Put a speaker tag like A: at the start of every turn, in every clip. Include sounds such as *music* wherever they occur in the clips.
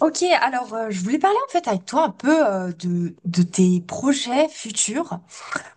A: Ok, alors je voulais parler en fait avec toi un peu de tes projets futurs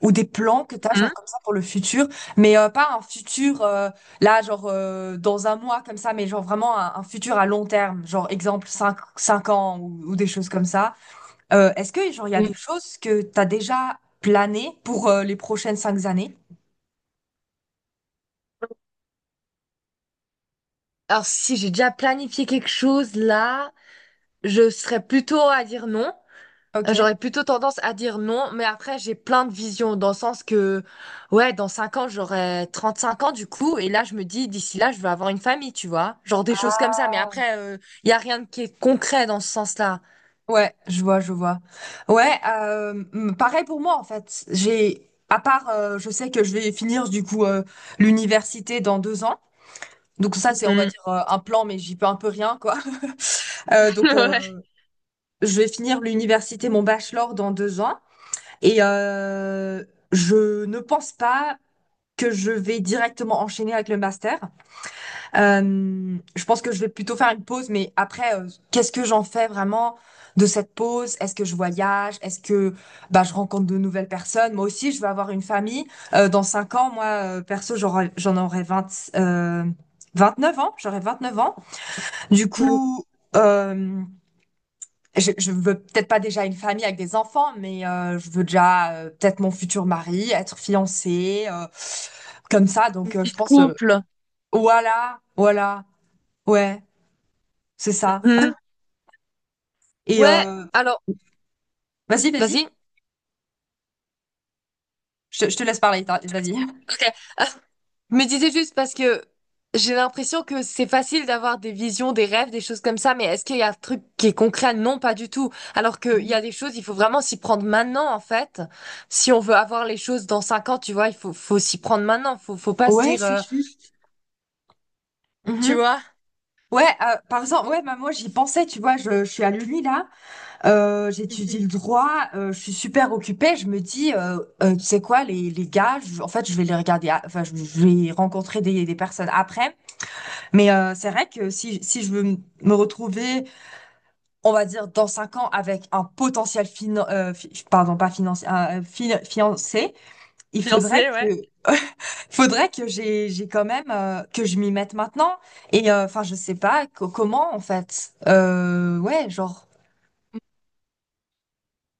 A: ou des plans que tu as
B: Hmm.
A: genre comme ça pour le futur, mais pas un futur là genre dans un mois comme ça, mais genre vraiment un futur à long terme, genre exemple cinq ans ou des choses comme ça. Est-ce que genre il y a
B: Mm.
A: des choses que tu as déjà planées pour les prochaines 5 années?
B: Alors, si j'ai déjà planifié quelque chose là, je serais plutôt à dire non. Euh,
A: Ok.
B: J'aurais plutôt tendance à dire non, mais après, j'ai plein de visions dans le sens que, ouais, dans 5 ans, j'aurai 35 ans du coup, et là, je me dis, d'ici là, je veux avoir une famille, tu vois. Genre des choses comme ça, mais après, il y a rien qui est concret dans ce sens-là.
A: Ouais, je vois, je vois. Ouais, pareil pour moi en fait. J'ai, à part, je sais que je vais finir du coup l'université dans 2 ans. Donc ça, c'est on va
B: Mhm.
A: dire un plan, mais j'y peux un peu rien quoi. *laughs* Donc
B: *laughs*
A: je vais finir l'université, mon bachelor dans 2 ans, et je ne pense pas que je vais directement enchaîner avec le master. Je pense que je vais plutôt faire une pause, mais après, qu'est-ce que j'en fais vraiment de cette pause? Est-ce que je voyage? Est-ce que bah, je rencontre de nouvelles personnes? Moi aussi, je veux avoir une famille. Dans 5 ans, moi, perso, j'en aurai 20, euh, neuf ans. J'aurai 29 ans. Du
B: Ouais.
A: coup, euh, je veux peut-être pas déjà une famille avec des enfants, mais je veux déjà peut-être mon futur mari, être fiancée, comme ça. Donc,
B: Mhm. Du
A: je pense,
B: couple.
A: voilà, voilà, ouais. C'est ça.
B: Mhm.
A: Et
B: Ouais, alors,
A: vas-y, vas-y,
B: vas-y.
A: je te laisse parler, tu vas-y.
B: Ok. Je me disais juste parce que j'ai l'impression que c'est facile d'avoir des visions, des rêves, des choses comme ça, mais est-ce qu'il y a un truc qui est concret? Non, pas du tout. Alors qu'il y a des choses, il faut vraiment s'y prendre maintenant, en fait. Si on veut avoir les choses dans cinq ans, tu vois, il faut s'y prendre maintenant. Faut pas se
A: Ouais,
B: dire,
A: c'est juste.
B: tu
A: Mmh.
B: vois.
A: Ouais, par exemple, ouais, bah, moi, j'y pensais, tu vois? Je suis à l'Uni, là, j'étudie le
B: *laughs*
A: droit, je suis super occupée. Je me dis, «Tu sais quoi? Les gars, je en fait, je vais les regarder a enfin, je vais rencontrer des personnes après». Mais c'est vrai que si je veux m me retrouver, on va dire, dans 5 ans avec un potentiel finan fi pardon, pas financier, un, fi fiancé, il
B: J'en
A: faudrait
B: ouais.
A: que *laughs* Faudrait que j'ai quand même que je m'y mette maintenant et enfin je sais pas comment en fait ouais genre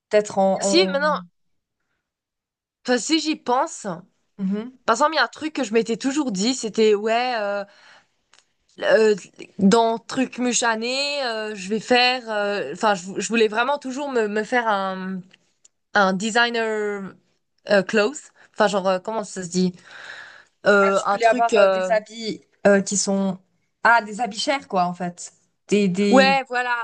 A: peut-être
B: Si,
A: en-
B: maintenant, toi, si j'y pense,
A: Mhm.
B: par exemple, il y a un truc que je m'étais toujours dit, c'était, ouais, euh, dans truc muchané, je vais faire, enfin, je voulais vraiment toujours me faire un designer clothes. Enfin, genre, comment ça se dit?
A: Ah, tu
B: Un
A: voulais
B: truc.
A: avoir des habits qui sont ah des habits chers quoi en fait des des,
B: Ouais, voilà.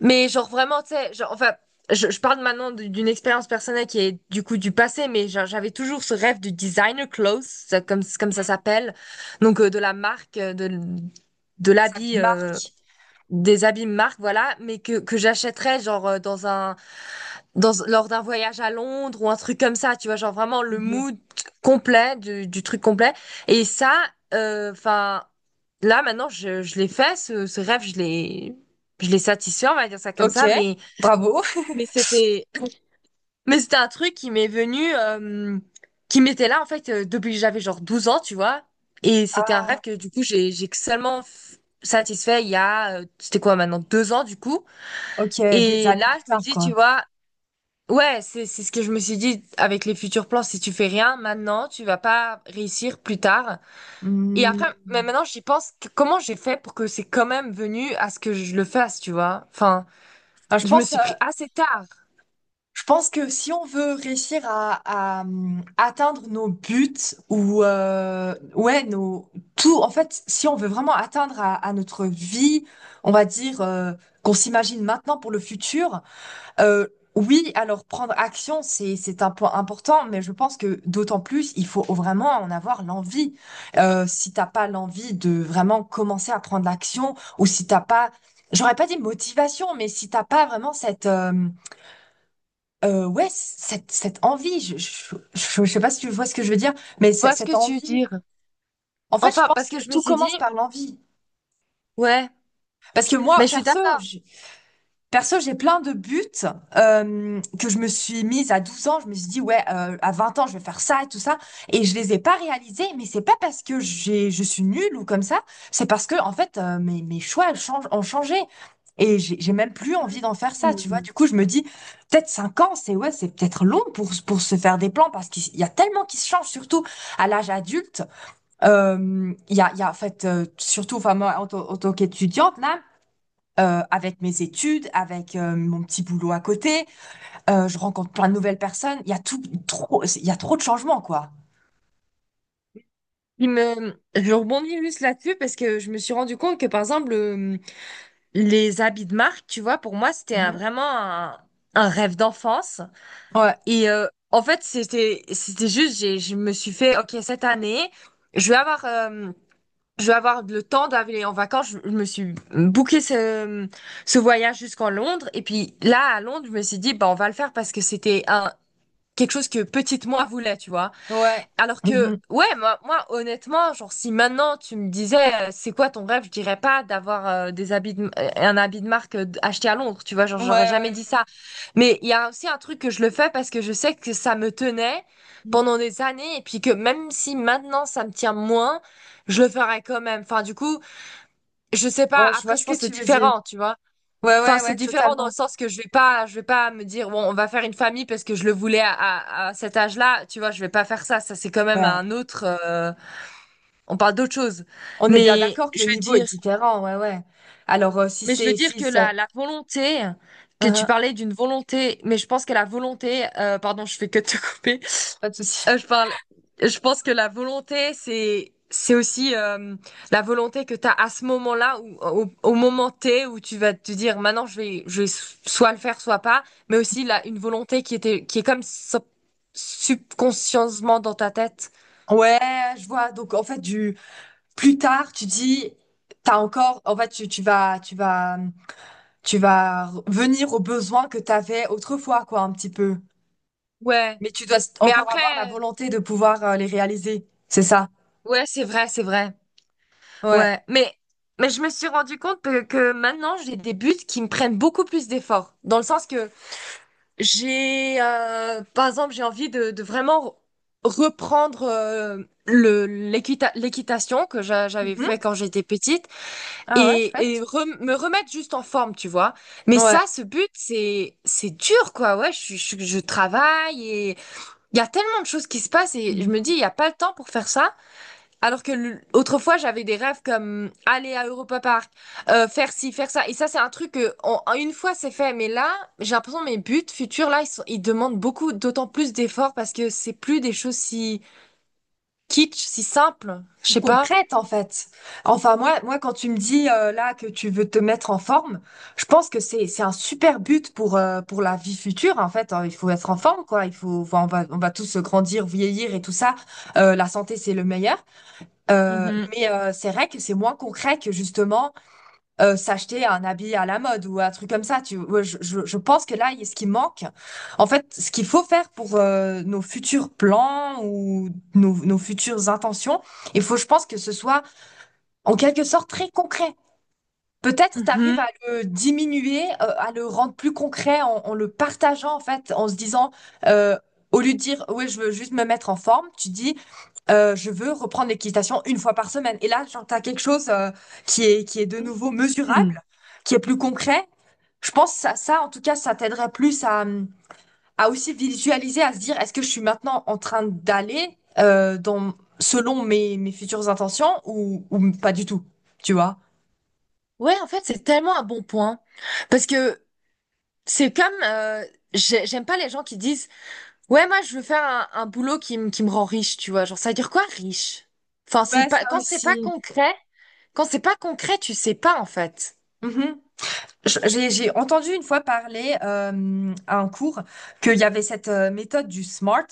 B: Mais genre, vraiment, tu sais, genre, enfin, je parle maintenant d'une expérience personnelle qui est du coup du passé, mais genre, j'avais toujours ce rêve du designer clothes, comme, comme ça s'appelle. Donc, de la marque, de
A: des habits
B: l'habit,
A: de marque.
B: des habits marque, voilà, mais que j'achèterais, genre, dans un. Dans, lors d'un voyage à Londres ou un truc comme ça, tu vois, genre vraiment le
A: Mhm.
B: mood complet du truc complet. Et ça, enfin, là maintenant, je l'ai fait, ce rêve, je l'ai satisfait, on va dire ça comme
A: Ok,
B: ça, mais,
A: bravo.
B: mais c'était, mais c'était un truc qui m'est venu, qui m'était là en fait depuis que j'avais genre 12 ans, tu vois. Et c'était un
A: Ah,
B: rêve que du coup j'ai, satisfait il y a, c'était quoi maintenant, deux ans du coup.
A: ok. Des
B: Et
A: années
B: là,
A: plus
B: je me
A: tard
B: dis,
A: quoi.
B: tu vois, Ouais, c'est ce que je me suis dit avec les futurs plans. Si tu fais rien maintenant, tu vas pas réussir plus tard. Et
A: Hmm.
B: après, mais maintenant j'y pense, comment j'ai fait pour que c'est quand même venu à ce que je le fasse, tu vois? Enfin,
A: Ah, je
B: je me
A: pense euh,
B: suis pris assez tard. Tu
A: Je pense que si on veut réussir à, atteindre nos buts ou ouais nos tout en fait si on veut vraiment atteindre à notre vie on va dire qu'on s'imagine maintenant pour le futur euh, oui alors prendre action c'est un point important mais je pense que d'autant plus il faut vraiment en avoir l'envie. Si t'as pas l'envie de vraiment commencer à prendre l'action ou si t'as pas j'aurais pas dit motivation mais si t'as pas vraiment cette ouais, cette envie, je sais pas si tu vois ce que je veux dire, mais
B: vois ce
A: cette
B: que tu veux
A: envie,
B: dire?
A: en fait, je
B: Enfin,
A: pense
B: parce que
A: que
B: je me
A: tout
B: suis dit,
A: commence par l'envie.
B: ouais,
A: Parce que moi,
B: mais je suis
A: perso,
B: d'accord.
A: perso, j'ai plein de buts que je me suis mise à 12 ans. Je me suis dit, ouais, à 20 ans, je vais faire ça et tout ça. Et je les ai pas réalisés, mais c'est pas parce que je suis nulle ou comme ça. C'est parce que, en fait, mes choix elles changent, ont changé. Et j'ai même plus envie d'en faire ça, tu vois.
B: Hmm.
A: Du coup, je me dis, peut-être 5 ans, c'est peut-être long pour se faire des plans parce qu'il y a tellement qui se change, surtout à l'âge adulte. En fait, surtout, enfin, moi, en tant qu'étudiante, là, avec mes études, avec mon petit boulot à côté. Je rencontre plein de nouvelles personnes. Il y a trop de changements, quoi.
B: Il me, je rebondis juste là-dessus parce que je me suis rendu compte que par exemple les habits de marque, tu vois, pour moi c'était
A: Mhm.
B: vraiment un rêve d'enfance.
A: Ouais,
B: Et en fait, c'était juste, j'ai, je me suis fait, ok, cette année, je vais avoir, euh, je vais avoir le temps d'aller en vacances. Je me suis booké ce, ce voyage jusqu'en Londres. Et puis là, à Londres, je me suis dit, bah, on va le faire parce que c'était un quelque chose que petite moi voulait, tu vois.
A: ouais.
B: Alors que,
A: Mhm.
B: ouais, moi, moi, honnêtement, genre, si maintenant tu me disais, c'est quoi ton rêve, je dirais pas d'avoir des un habit de marque acheté à Londres, tu vois, genre,
A: Ouais,
B: j'aurais jamais
A: ouais.
B: dit ça. Mais il y a aussi un truc que je le fais parce que je sais que ça me tenait
A: Mm.
B: pendant des années et puis que même si maintenant ça me tient moins, je le ferais quand même. Enfin, du coup, je sais pas,
A: Ouais, je vois
B: après, je
A: ce que
B: pense que c'est
A: tu veux dire.
B: différent, tu vois.
A: Ouais,
B: Enfin,
A: ouais,
B: c'est
A: ouais,
B: différent dans le
A: totalement.
B: sens que je vais pas me dire, bon, on va faire une famille parce que je le voulais à cet âge-là. Tu vois, je vais pas faire ça. Ça, c'est quand même
A: Ouais.
B: un autre, on parle d'autre chose.
A: On est bien
B: Mais
A: d'accord que
B: je
A: le
B: veux
A: niveau est
B: dire,
A: différent, ouais, ouais. Alors, si
B: mais je veux
A: c'est,
B: dire
A: si
B: que
A: c'est,
B: la volonté, que tu
A: Uhum,
B: parlais d'une volonté, mais je pense que la volonté, pardon, je fais que te couper.
A: pas de souci.
B: Euh, je parle, je pense que la volonté, c'est aussi la volonté que tu as à ce moment-là, ou au moment T, où tu vas te dire, maintenant, je vais soit le faire, soit pas, mais aussi là, une volonté qui était, qui est comme subconsciencement dans ta tête.
A: *laughs* Ouais, je vois. Donc, en fait, du plus tard, tu dis, t'as encore, en fait, tu vas venir aux besoins que tu avais autrefois, quoi, un petit peu.
B: Ouais.
A: Mais tu dois
B: Mais
A: encore avoir la
B: après,
A: volonté de pouvoir les réaliser. C'est ça.
B: ouais, c'est vrai, c'est vrai.
A: Ouais.
B: Ouais. Mais je me suis rendu compte que maintenant, j'ai des buts qui me prennent beaucoup plus d'efforts, dans le sens que j'ai, par exemple, j'ai envie de vraiment reprendre le, l'équitation que j'avais
A: Mhm.
B: fait quand j'étais petite
A: Ah ouais,
B: et,
A: chouette.
B: me remettre juste en forme, tu vois. Mais
A: Ouais.
B: ça, ce but, c'est dur, quoi. Ouais, je travaille et il y a tellement de choses qui se passent et je me dis,
A: Mhm.
B: il n'y a pas le temps pour faire ça. Alors que autrefois, j'avais des rêves comme aller à Europa Park, faire ci, faire ça. Et ça, c'est un truc que, en une fois, c'est fait. Mais là, j'ai l'impression que mes buts futurs, là, ils demandent beaucoup, d'autant plus d'efforts parce que c'est plus des choses si kitsch, si simples. Je
A: Puis
B: sais pas.
A: concrète, en fait. Enfin, moi, moi, quand tu me dis là que tu veux te mettre en forme, je pense que c'est un super but pour la vie future, en fait. Hein. Il faut être en forme, quoi. Il faut, enfin, on va tous grandir, vieillir et tout ça. La santé, c'est le meilleur.
B: Mhm.
A: Mais c'est vrai que c'est moins concret que justement. S'acheter un habit à la mode ou un truc comme ça. Ouais, je pense que là, ce qui manque, en fait, ce qu'il faut faire pour nos futurs plans ou nos, nos futures intentions, il faut, je pense, que ce soit en quelque sorte très concret. Peut-être t'arrives
B: Mhm.
A: à le diminuer, à le rendre plus concret en, en le partageant en fait, en se disant, euh, au lieu de dire, ouais, je veux juste me mettre en forme, tu dis, je veux reprendre l'équitation une fois par semaine. Et là, genre, t'as quelque chose qui est de nouveau
B: Mhm.
A: mesurable, qui est plus concret. Je pense que ça, en tout cas, ça t'aiderait plus à aussi visualiser, à se dire, est-ce que je suis maintenant en train d'aller dans, selon mes futures intentions ou pas du tout, tu vois?
B: Ouais, en fait, c'est tellement un bon point. Parce que c'est comme, j'aime pas les gens qui disent, ouais, moi, je veux faire un boulot qui me rend riche, tu vois. Genre, ça veut dire quoi, riche? Enfin, c'est
A: Ouais,
B: pas,
A: ça
B: quand c'est pas
A: aussi.
B: concret, quand c'est pas concret, tu sais pas en fait.
A: Mhm. J'ai entendu une fois parler à un cours qu'il y avait cette méthode du SMART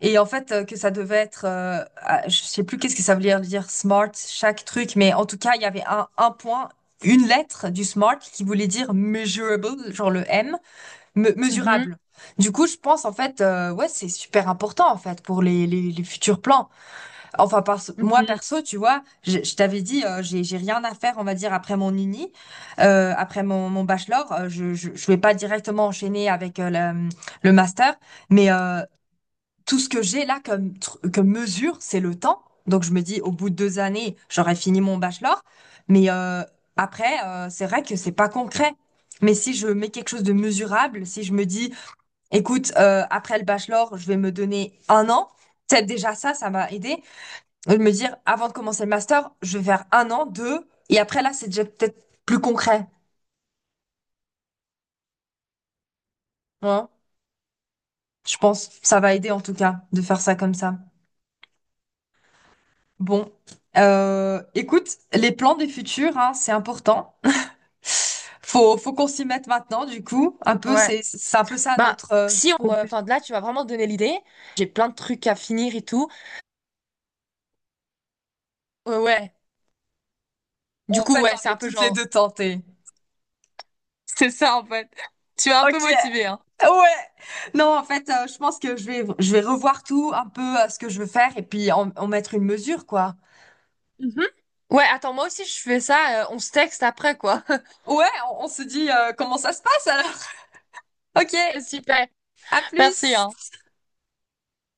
A: et en fait que ça devait être, ah, je sais plus qu'est-ce que ça veut dire, SMART, chaque truc, mais en tout cas il y avait un point, une lettre du SMART qui voulait dire measurable, genre le M,
B: Mhm,
A: mesurable. Du coup je pense en fait, ouais c'est super important en fait pour les futurs plans. Enfin, moi
B: mhm.
A: perso, tu vois, je t'avais dit, j'ai rien à faire, on va dire, après mon uni, après mon bachelor. Je vais pas directement enchaîner avec le master, mais tout ce que j'ai là comme mesure, c'est le temps. Donc, je me dis, au bout de 2 années, j'aurai fini mon bachelor. Mais après, c'est vrai que c'est pas concret. Mais si je mets quelque chose de mesurable, si je me dis, écoute, après le bachelor, je vais me donner un an. Peut-être déjà ça, ça m'a aidé de me dire, avant de commencer le master, je vais faire un an, deux, et après là, c'est déjà peut-être plus concret. Hein. Je pense, ça va aider en tout cas de faire ça comme ça. Bon, écoute, les plans du futur, hein, c'est important. Faut qu'on s'y mette maintenant, du coup. Un peu,
B: Ouais.
A: c'est un peu ça
B: Bah,
A: notre
B: si, pour,
A: conclusion.
B: enfin, là, tu m'as vraiment donné l'idée. J'ai plein de trucs à finir et tout. Ouais, ouais. Du
A: En
B: coup,
A: fait,
B: ouais, c'est
A: on
B: un
A: est
B: peu
A: toutes les
B: genre.
A: deux tentées.
B: *laughs* C'est ça, en fait. Tu m'as un
A: Ok,
B: peu motivé, hein.
A: ouais. Non, en fait, je pense que je vais revoir tout, un peu ce que je veux faire, et puis en, en mettre une mesure, quoi.
B: Mhm. Ouais, attends, moi aussi, je fais ça. On se texte après, quoi. *laughs*
A: Ouais, on se dit comment ça se passe alors. *laughs* Ok,
B: Ok, super.
A: à
B: Merci,
A: plus.
B: hein.